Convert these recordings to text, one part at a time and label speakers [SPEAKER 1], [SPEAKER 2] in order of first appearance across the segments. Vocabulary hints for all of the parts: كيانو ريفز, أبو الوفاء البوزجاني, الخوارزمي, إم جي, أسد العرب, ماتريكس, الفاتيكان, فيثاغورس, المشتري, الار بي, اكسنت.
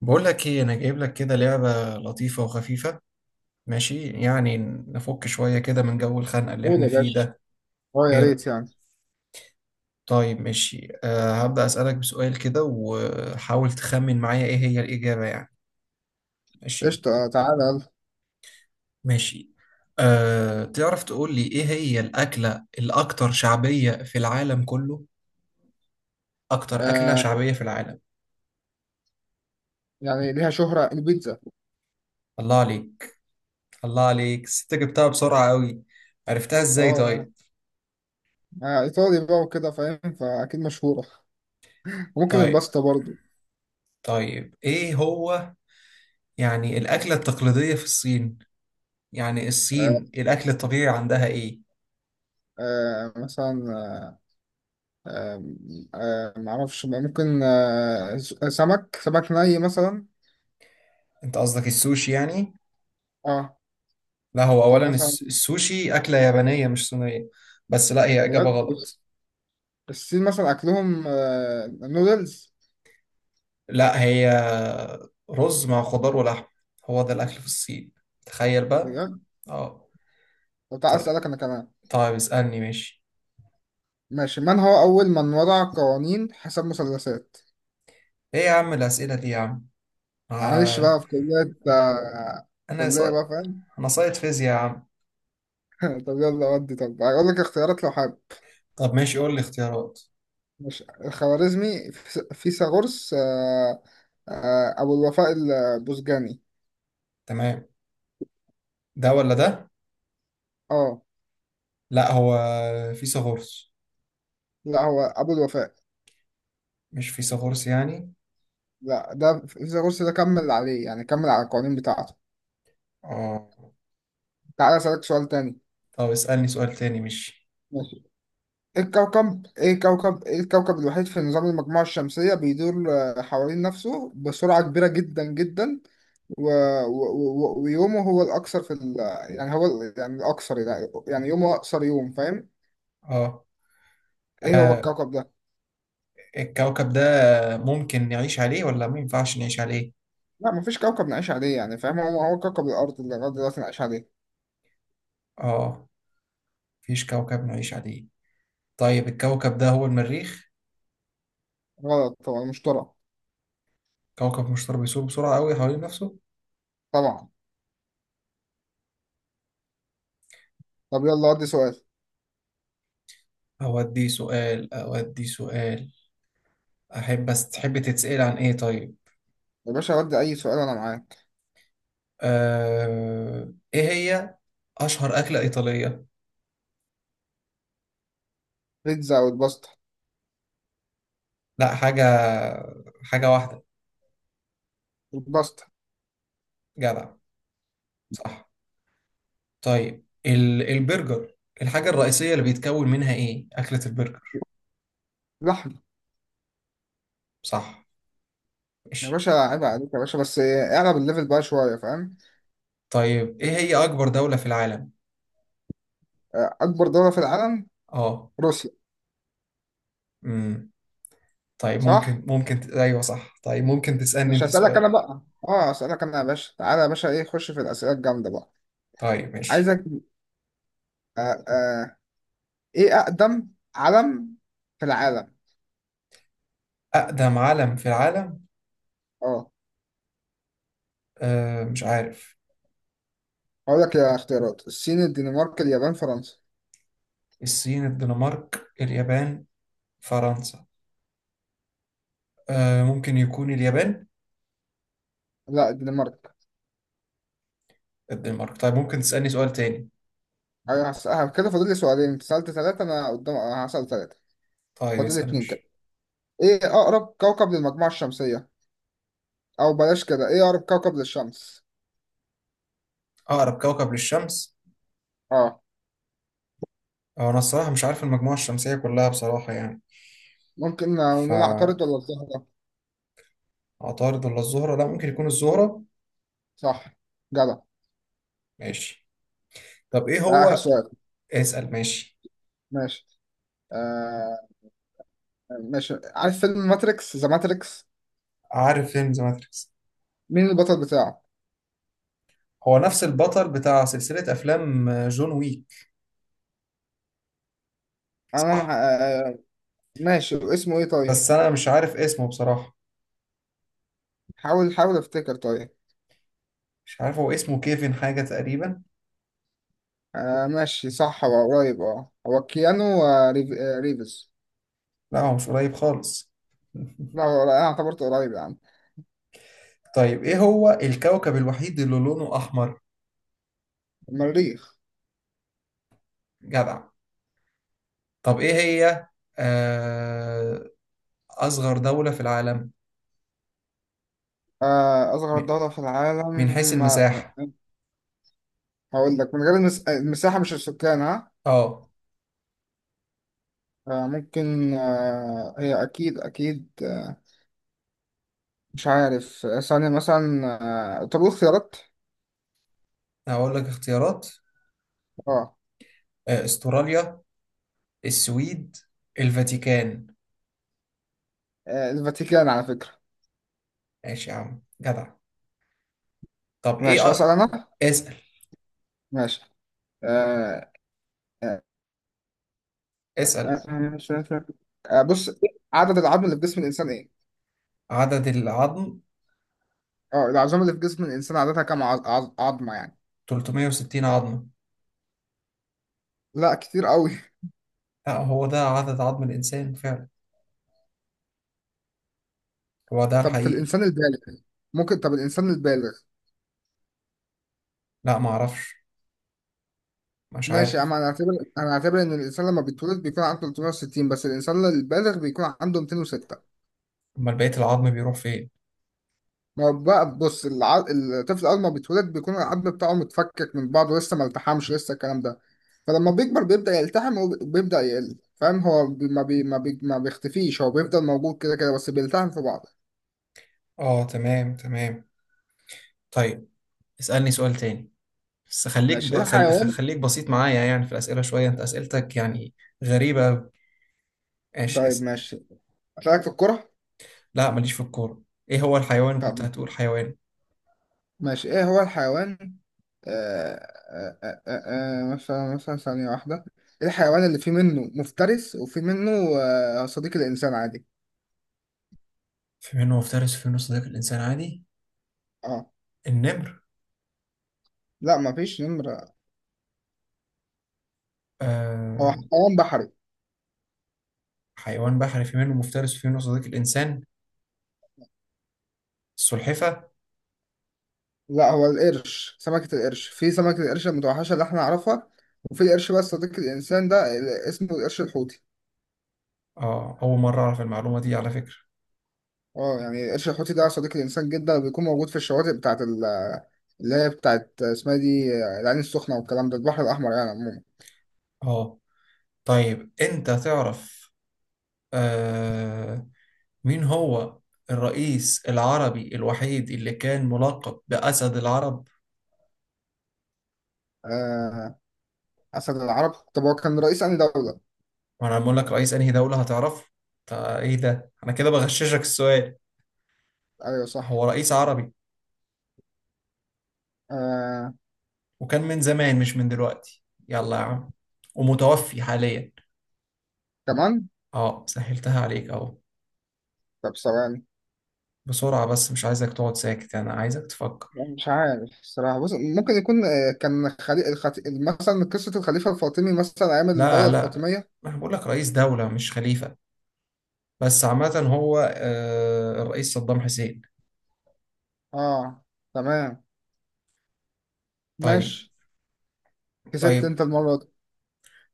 [SPEAKER 1] بقول لك ايه انا جايب لك كده لعبة لطيفة وخفيفة. ماشي يعني. نفك شوية كده من جو الخنقة اللي
[SPEAKER 2] قول
[SPEAKER 1] احنا
[SPEAKER 2] يا
[SPEAKER 1] فيه
[SPEAKER 2] باشا.
[SPEAKER 1] ده.
[SPEAKER 2] اه يا
[SPEAKER 1] ايه
[SPEAKER 2] ريت
[SPEAKER 1] رأيك؟
[SPEAKER 2] يعني.
[SPEAKER 1] طيب ماشي، هبدأ أسألك بسؤال كده وحاول تخمن معايا ايه هي الإجابة يعني. ماشي.
[SPEAKER 2] قشطة. تعالى يلا.
[SPEAKER 1] ماشي، تعرف تقول لي ايه هي الأكلة الأكثر شعبية في العالم كله؟ أكتر أكلة
[SPEAKER 2] آه
[SPEAKER 1] شعبية في العالم.
[SPEAKER 2] يعني ليها شهرة البيتزا.
[SPEAKER 1] الله عليك. الله عليك، ست جبتها بسرعة قوي. عرفتها ازاي
[SPEAKER 2] اه
[SPEAKER 1] طيب؟
[SPEAKER 2] ايطالي بقى وكده فاهم فاكيد مشهورة. ممكن
[SPEAKER 1] طيب.
[SPEAKER 2] الباستا برضو.
[SPEAKER 1] طيب ايه هو يعني الأكلة التقليدية في الصين؟ يعني
[SPEAKER 2] آه
[SPEAKER 1] الصين الأكل الطبيعي عندها إيه؟
[SPEAKER 2] مثلا. آه معرفش بقى، ممكن سمك ني مثلا.
[SPEAKER 1] أنت قصدك السوشي يعني؟
[SPEAKER 2] اه.
[SPEAKER 1] لا هو
[SPEAKER 2] او
[SPEAKER 1] أولا
[SPEAKER 2] مثلا.
[SPEAKER 1] السوشي أكلة يابانية مش صينية. بس لا، هي إجابة
[SPEAKER 2] بجد بص،
[SPEAKER 1] غلط.
[SPEAKER 2] الصين مثلا اكلهم نودلز.
[SPEAKER 1] لا، هي رز مع خضار ولحم. هو ده الأكل في الصين. تخيل بقى.
[SPEAKER 2] بجد.
[SPEAKER 1] اه.
[SPEAKER 2] طب تعال
[SPEAKER 1] طيب.
[SPEAKER 2] اسالك انا كمان.
[SPEAKER 1] طيب اسألني ماشي.
[SPEAKER 2] ماشي. من هو اول من وضع قوانين حساب مثلثات؟
[SPEAKER 1] إيه يا عم الأسئلة دي يا عم؟
[SPEAKER 2] معلش
[SPEAKER 1] آه.
[SPEAKER 2] بقى. في كلية آه،
[SPEAKER 1] أنا ص...
[SPEAKER 2] كلية بقى فاهم.
[SPEAKER 1] أنا صايد فيزياء يا عم.
[SPEAKER 2] طب يلا ودي. طب هقول لك اختيارات لو حابب.
[SPEAKER 1] طب ماشي قول لي اختيارات.
[SPEAKER 2] مش الخوارزمي. فيثاغورس. أبو الوفاء البوزجاني.
[SPEAKER 1] تمام. ده ولا ده؟
[SPEAKER 2] اه.
[SPEAKER 1] لا، هو فيثاغورس.
[SPEAKER 2] لا هو أبو الوفاء.
[SPEAKER 1] مش فيثاغورس يعني.
[SPEAKER 2] لا ده فيثاغورس، ده كمل عليه يعني، كمل على القوانين بتاعته.
[SPEAKER 1] اه.
[SPEAKER 2] تعالى أسألك سؤال تاني.
[SPEAKER 1] طب اسألني سؤال تاني مش...
[SPEAKER 2] ماشي. ايه الكوكب الوحيد في نظام المجموعة الشمسية بيدور حوالين نفسه بسرعة كبيرة جدا جدا. و... و... ويومه هو الأكثر في يعني الأكثر، يعني يومه أقصر يوم فاهم؟
[SPEAKER 1] اه.
[SPEAKER 2] إيه هو
[SPEAKER 1] آه،
[SPEAKER 2] الكوكب ده؟
[SPEAKER 1] الكوكب ده ممكن نعيش عليه ولا ما ينفعش نعيش عليه؟
[SPEAKER 2] لا مفيش كوكب نعيش عليه يعني فاهم. هو كوكب الأرض اللي لغاية دلوقتي نعيش عليه.
[SPEAKER 1] اه، مفيش كوكب نعيش عليه. طيب الكوكب ده هو المريخ.
[SPEAKER 2] غلط طبعا. المشتري.
[SPEAKER 1] كوكب مشتار بيسوق بسرعة قوي حوالين نفسه.
[SPEAKER 2] طبعا. طب يلا ودي سؤال.
[SPEAKER 1] اودي سؤال اودي سؤال. احب بس تحب تتسأل عن ايه طيب؟
[SPEAKER 2] يا باشا ودي أي سؤال، أنا معاك.
[SPEAKER 1] ايه هي اشهر أكلة إيطالية؟
[SPEAKER 2] بيتزا أو الباستا.
[SPEAKER 1] لا حاجة. حاجة واحدة.
[SPEAKER 2] الباستا.
[SPEAKER 1] جدع. صح. طيب البرجر. الحاجة الرئيسية اللي بيتكون منها ايه؟ أكلة البرجر.
[SPEAKER 2] لحم.
[SPEAKER 1] صح.
[SPEAKER 2] يا
[SPEAKER 1] ماشي.
[SPEAKER 2] باشا عيب عليك يا باشا، بس اعلى بالليفل بقى شوية فاهم؟
[SPEAKER 1] طيب ايه هي أكبر دولة في العالم؟
[SPEAKER 2] أكبر دولة في العالم.
[SPEAKER 1] اه.
[SPEAKER 2] روسيا.
[SPEAKER 1] امم. طيب
[SPEAKER 2] صح؟
[SPEAKER 1] ممكن ايوه صح، طيب ممكن تسألني
[SPEAKER 2] مش
[SPEAKER 1] انت
[SPEAKER 2] هسألك
[SPEAKER 1] سؤال.
[SPEAKER 2] أنا بقى. اه هسألك أنا يا باشا، تعالى يا باشا، إيه خش في الأسئلة الجامدة بقى.
[SPEAKER 1] طيب ماشي.
[SPEAKER 2] عايزك. آه آه ايه اقدم علم في العالم؟
[SPEAKER 1] أقدم علم في العالم.
[SPEAKER 2] اه.
[SPEAKER 1] مش عارف.
[SPEAKER 2] هقول لك يا اختيارات: الصين، الدنمارك، اليابان، فرنسا.
[SPEAKER 1] الصين الدنمارك اليابان فرنسا. ممكن يكون اليابان.
[SPEAKER 2] لا الدنمارك.
[SPEAKER 1] الدنمارك، طيب ممكن تسألني سؤال تاني.
[SPEAKER 2] ايوه. كده فاضل لي سؤالين. انت سألت ثلاثة انا قدام، هسأل ثلاثة.
[SPEAKER 1] طيب
[SPEAKER 2] فاضل لي
[SPEAKER 1] اسأل
[SPEAKER 2] اتنين كده.
[SPEAKER 1] مش...
[SPEAKER 2] ايه اقرب كوكب للمجموعة الشمسية؟ او بلاش كده، ايه اقرب كوكب للشمس؟
[SPEAKER 1] أقرب كوكب للشمس.
[SPEAKER 2] اه.
[SPEAKER 1] أو أنا الصراحة مش عارف المجموعة الشمسية كلها بصراحة يعني.
[SPEAKER 2] ممكن نقول عطارد
[SPEAKER 1] فعطارد
[SPEAKER 2] ولا الزهرة.
[SPEAKER 1] ولا الزهرة، لا ممكن يكون الزهرة.
[SPEAKER 2] صح. جدع.
[SPEAKER 1] ماشي. طب ايه
[SPEAKER 2] ده اخر
[SPEAKER 1] هو...
[SPEAKER 2] سؤال.
[SPEAKER 1] اسأل ماشي.
[SPEAKER 2] ماشي. آه ماشي. عارف فيلم ماتريكس، ذا ماتريكس؟
[SPEAKER 1] عارف فيلم ذا ماتريكس.
[SPEAKER 2] مين البطل بتاعه؟
[SPEAKER 1] هو نفس البطل بتاع سلسلة أفلام جون ويك.
[SPEAKER 2] انا مع-
[SPEAKER 1] صح.
[SPEAKER 2] آه ماشي اسمه ايه
[SPEAKER 1] بس
[SPEAKER 2] طيب؟
[SPEAKER 1] أنا مش عارف اسمه بصراحة.
[SPEAKER 2] حاول، حاول افتكر طيب.
[SPEAKER 1] مش عارف، هو اسمه كيفن حاجة تقريبا.
[SPEAKER 2] ماشي صح هو قريب. اه هو كيانو، ريفز.
[SPEAKER 1] لا هو مش قريب خالص.
[SPEAKER 2] لا هو انا اعتبرته قريب يا عم.
[SPEAKER 1] طيب ايه هو الكوكب الوحيد اللي لونه أحمر؟
[SPEAKER 2] المريخ.
[SPEAKER 1] جدع. طب ايه هي آه، أصغر دولة في العالم؟
[SPEAKER 2] اصغر
[SPEAKER 1] من
[SPEAKER 2] دولة في
[SPEAKER 1] من حيث
[SPEAKER 2] العالم.
[SPEAKER 1] المساحة.
[SPEAKER 2] هقول لك من غير المساحة مش السكان، ها.
[SPEAKER 1] اه.
[SPEAKER 2] ممكن، هي اكيد اكيد. مش عارف، ثانية مثلا. طب قول خيارات.
[SPEAKER 1] هقول لك اختيارات.
[SPEAKER 2] اه.
[SPEAKER 1] استراليا، السويد، الفاتيكان.
[SPEAKER 2] الفاتيكان على فكرة.
[SPEAKER 1] ماشي يا عم جدع. طب ايه
[SPEAKER 2] ماشي هسأل
[SPEAKER 1] أ...
[SPEAKER 2] انا.
[SPEAKER 1] اسأل.
[SPEAKER 2] ماشي. آه آه آه،
[SPEAKER 1] اسأل.
[SPEAKER 2] بص. عدد العظم اللي في جسم الانسان ايه؟
[SPEAKER 1] عدد العظم.
[SPEAKER 2] اه العظام اللي في جسم الانسان عادتها كام عظمه يعني؟
[SPEAKER 1] 360 عظمة.
[SPEAKER 2] لا كتير قوي.
[SPEAKER 1] لا هو ده عدد عظم الإنسان فعلا. هو ده
[SPEAKER 2] طب في
[SPEAKER 1] الحقيقي.
[SPEAKER 2] الانسان البالغ؟ ممكن، طب الانسان البالغ.
[SPEAKER 1] لا ما اعرفش. مش
[SPEAKER 2] ماشي
[SPEAKER 1] عارف.
[SPEAKER 2] اما انا اعتبر. انا اعتبر ان الانسان لما بيتولد بيكون عنده 360، بس الانسان البالغ بيكون عنده 206.
[SPEAKER 1] امال بقية العظم بيروح فين؟
[SPEAKER 2] ما هو بقى بص الطفل اول ما بيتولد بيكون العظم بتاعه متفكك من بعضه لسه، ما التحمش لسه الكلام ده. فلما بيكبر بيبدأ يلتحم وبيبدأ يقل فاهم. هو ما بيختفيش، هو بيفضل موجود كده كده، بس بيلتحم في بعضه.
[SPEAKER 1] اه تمام تمام. طيب اسألني سؤال تاني. بس خليك
[SPEAKER 2] ماشي ايه الحيوان.
[SPEAKER 1] خليك بسيط معايا يعني في الأسئلة شوية، انت أسئلتك يعني غريبة أوي. ماشي
[SPEAKER 2] طيب
[SPEAKER 1] اسأل.
[SPEAKER 2] ماشي. أسألك في الكرة.
[SPEAKER 1] لا ماليش في الكورة. ايه هو الحيوان، كنت
[SPEAKER 2] طب
[SPEAKER 1] هتقول حيوان؟
[SPEAKER 2] ماشي، ايه هو الحيوان. مثلا ثانية واحدة. ايه الحيوان اللي فيه منه مفترس وفيه منه صديق الإنسان عادي.
[SPEAKER 1] في منه مفترس وفي منه صديق الإنسان عادي؟
[SPEAKER 2] اه.
[SPEAKER 1] النمر.
[SPEAKER 2] لا مفيش نمرة. هو
[SPEAKER 1] آه.
[SPEAKER 2] حيوان بحري.
[SPEAKER 1] حيوان بحري في منه مفترس وفي منه صديق الإنسان. السلحفة.
[SPEAKER 2] لا هو القرش، سمكة القرش، في سمكة القرش المتوحشة اللي احنا نعرفها. وفي القرش بقى صديق الإنسان ده اسمه القرش الحوتي.
[SPEAKER 1] أول مرة أعرف المعلومة دي على فكرة.
[SPEAKER 2] اه يعني القرش الحوتي ده صديق الإنسان جدا، بيكون موجود في الشواطئ بتاعت اللي هي بتاعت اسمها دي، العين السخنة والكلام ده، البحر الأحمر يعني عموما.
[SPEAKER 1] آه طيب أنت تعرف آه مين هو الرئيس العربي الوحيد اللي كان ملقب بأسد العرب؟
[SPEAKER 2] آه، أسد العرب، طب هو كان رئيس أنهي دولة؟
[SPEAKER 1] وأنا بقول لك رئيس أنهي دولة هتعرفه. إيه ده، أنا كده بغششك السؤال.
[SPEAKER 2] أيوه صح.
[SPEAKER 1] هو رئيس عربي.
[SPEAKER 2] آه
[SPEAKER 1] وكان من زمان مش من دلوقتي. يلا يا عم. ومتوفي حاليا.
[SPEAKER 2] كمان.
[SPEAKER 1] اه سهلتها عليك اهو.
[SPEAKER 2] طب ثواني.
[SPEAKER 1] بسرعة بس مش عايزك تقعد ساكت، انا عايزك تفكر.
[SPEAKER 2] مش عارف الصراحة بص، ممكن يكون كان مثلا قصة الخليفة الفاطمي مثلا أيام
[SPEAKER 1] لا
[SPEAKER 2] الدولة
[SPEAKER 1] لا،
[SPEAKER 2] الفاطمية.
[SPEAKER 1] انا بقول لك رئيس دولة مش خليفة. بس عامة هو الرئيس صدام حسين.
[SPEAKER 2] اه تمام.
[SPEAKER 1] طيب.
[SPEAKER 2] ماشي. كسبت
[SPEAKER 1] طيب.
[SPEAKER 2] أنت المرة دي.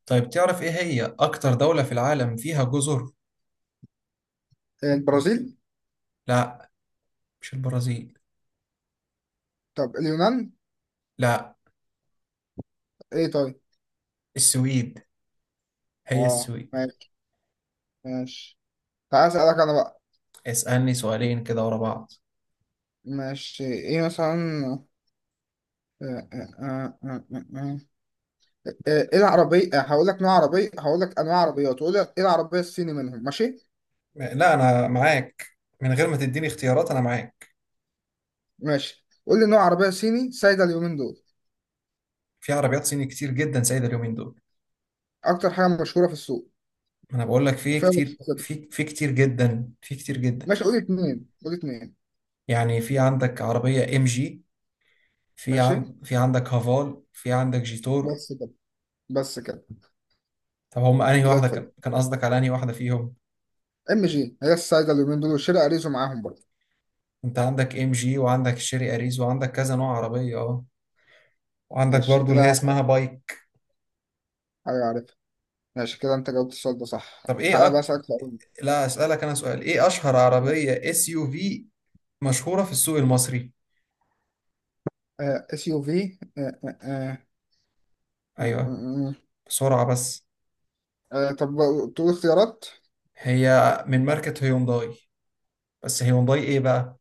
[SPEAKER 1] طيب تعرف ايه هي اكتر دولة في العالم فيها جزر؟
[SPEAKER 2] البرازيل.
[SPEAKER 1] لا مش البرازيل.
[SPEAKER 2] طب اليونان.
[SPEAKER 1] لا.
[SPEAKER 2] إيه طيب.
[SPEAKER 1] السويد. هي
[SPEAKER 2] اه
[SPEAKER 1] السويد.
[SPEAKER 2] ماشي. ماشي. تعال أسألك أنا بقى.
[SPEAKER 1] اسألني سؤالين كده ورا بعض.
[SPEAKER 2] ماشي إيه مثلا. آه آه آه آه. آه. آه، ايه العربية، هقول لك نوع عربية، هقول لك انواع عربيات، وقول لي ايه العربية الصيني منهم ماشي.
[SPEAKER 1] لا انا معاك. من غير ما تديني اختيارات انا معاك.
[SPEAKER 2] ماشي قول لي نوع عربية صيني سايدة اليومين دول.
[SPEAKER 1] في عربيات صيني كتير جدا سايدة اليومين دول.
[SPEAKER 2] اكتر حاجة مشهورة في السوق.
[SPEAKER 1] ما انا بقول لك في
[SPEAKER 2] وفيها
[SPEAKER 1] كتير،
[SPEAKER 2] متخصصات.
[SPEAKER 1] في كتير جدا، في كتير جدا.
[SPEAKER 2] ماشي قول لي اتنين، قول لي اتنين.
[SPEAKER 1] يعني في عندك عربية ام جي.
[SPEAKER 2] ماشي.
[SPEAKER 1] في عندك هافال، في عندك جيتور.
[SPEAKER 2] بس كده. بس كده.
[SPEAKER 1] طب هم انهي
[SPEAKER 2] زي
[SPEAKER 1] واحدة
[SPEAKER 2] الفل.
[SPEAKER 1] كان قصدك على انهي واحدة فيهم؟
[SPEAKER 2] MG هي السايدة اليومين دول، وشيري اريزو معاهم برضه.
[SPEAKER 1] انت عندك ام جي وعندك شيري اريز وعندك كذا نوع عربية اه. وعندك
[SPEAKER 2] ماشي
[SPEAKER 1] برضو اللي هي
[SPEAKER 2] كده.
[SPEAKER 1] اسمها بايك.
[SPEAKER 2] حاجة عارفها. ماشي كده، انت جاوبت السؤال ده صح.
[SPEAKER 1] طب ايه
[SPEAKER 2] تعالى بقى
[SPEAKER 1] أك...
[SPEAKER 2] اسألك سؤال.
[SPEAKER 1] لا اسألك انا سؤال، ايه اشهر
[SPEAKER 2] آه،
[SPEAKER 1] عربية اس يو في مشهورة في السوق المصري؟
[SPEAKER 2] SUV.
[SPEAKER 1] ايوه. بسرعة بس.
[SPEAKER 2] طب تقول اختيارات.
[SPEAKER 1] هي من ماركة هيونداي. بس هيونداي ايه بقى؟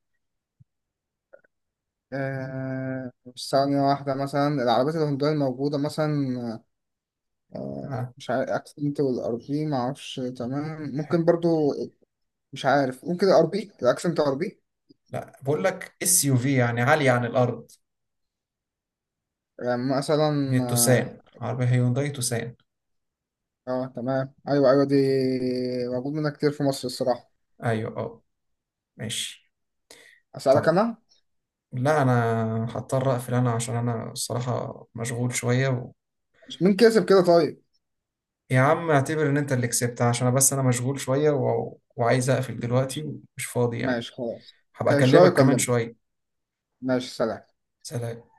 [SPEAKER 2] مش، ثانية واحدة، مثلا العربيات الهندية الموجودة مثلا. آه، مش عارف، اكسنت والار بي معرفش تمام، ممكن برضو. مش عارف، ممكن الار بي، الاكسنت ار بي.
[SPEAKER 1] لا، بقول لك اس يو في يعني عالية عن الأرض.
[SPEAKER 2] يعني مثلا
[SPEAKER 1] هي
[SPEAKER 2] اه.
[SPEAKER 1] توسان، عربية هيونداي توسان.
[SPEAKER 2] تمام ايوه ايوه دي. موجود منها كتير في مصر الصراحة.
[SPEAKER 1] أيوة أه. ماشي.
[SPEAKER 2] اسألك
[SPEAKER 1] طيب.
[SPEAKER 2] انا.
[SPEAKER 1] لا أنا هضطر أقفل أنا عشان أنا الصراحة مشغول شوية و...
[SPEAKER 2] مين كسب كده طيب؟
[SPEAKER 1] يا عم اعتبر إن أنت اللي كسبت عشان أنا، بس أنا مشغول شوية و... وعايز أقفل دلوقتي ومش فاضي يعني.
[SPEAKER 2] ماشي خلاص.
[SPEAKER 1] هبقى
[SPEAKER 2] كان شوية
[SPEAKER 1] أكلمك كمان
[SPEAKER 2] يكلمني.
[SPEAKER 1] شوية.
[SPEAKER 2] ماشي سلام.
[SPEAKER 1] سلام.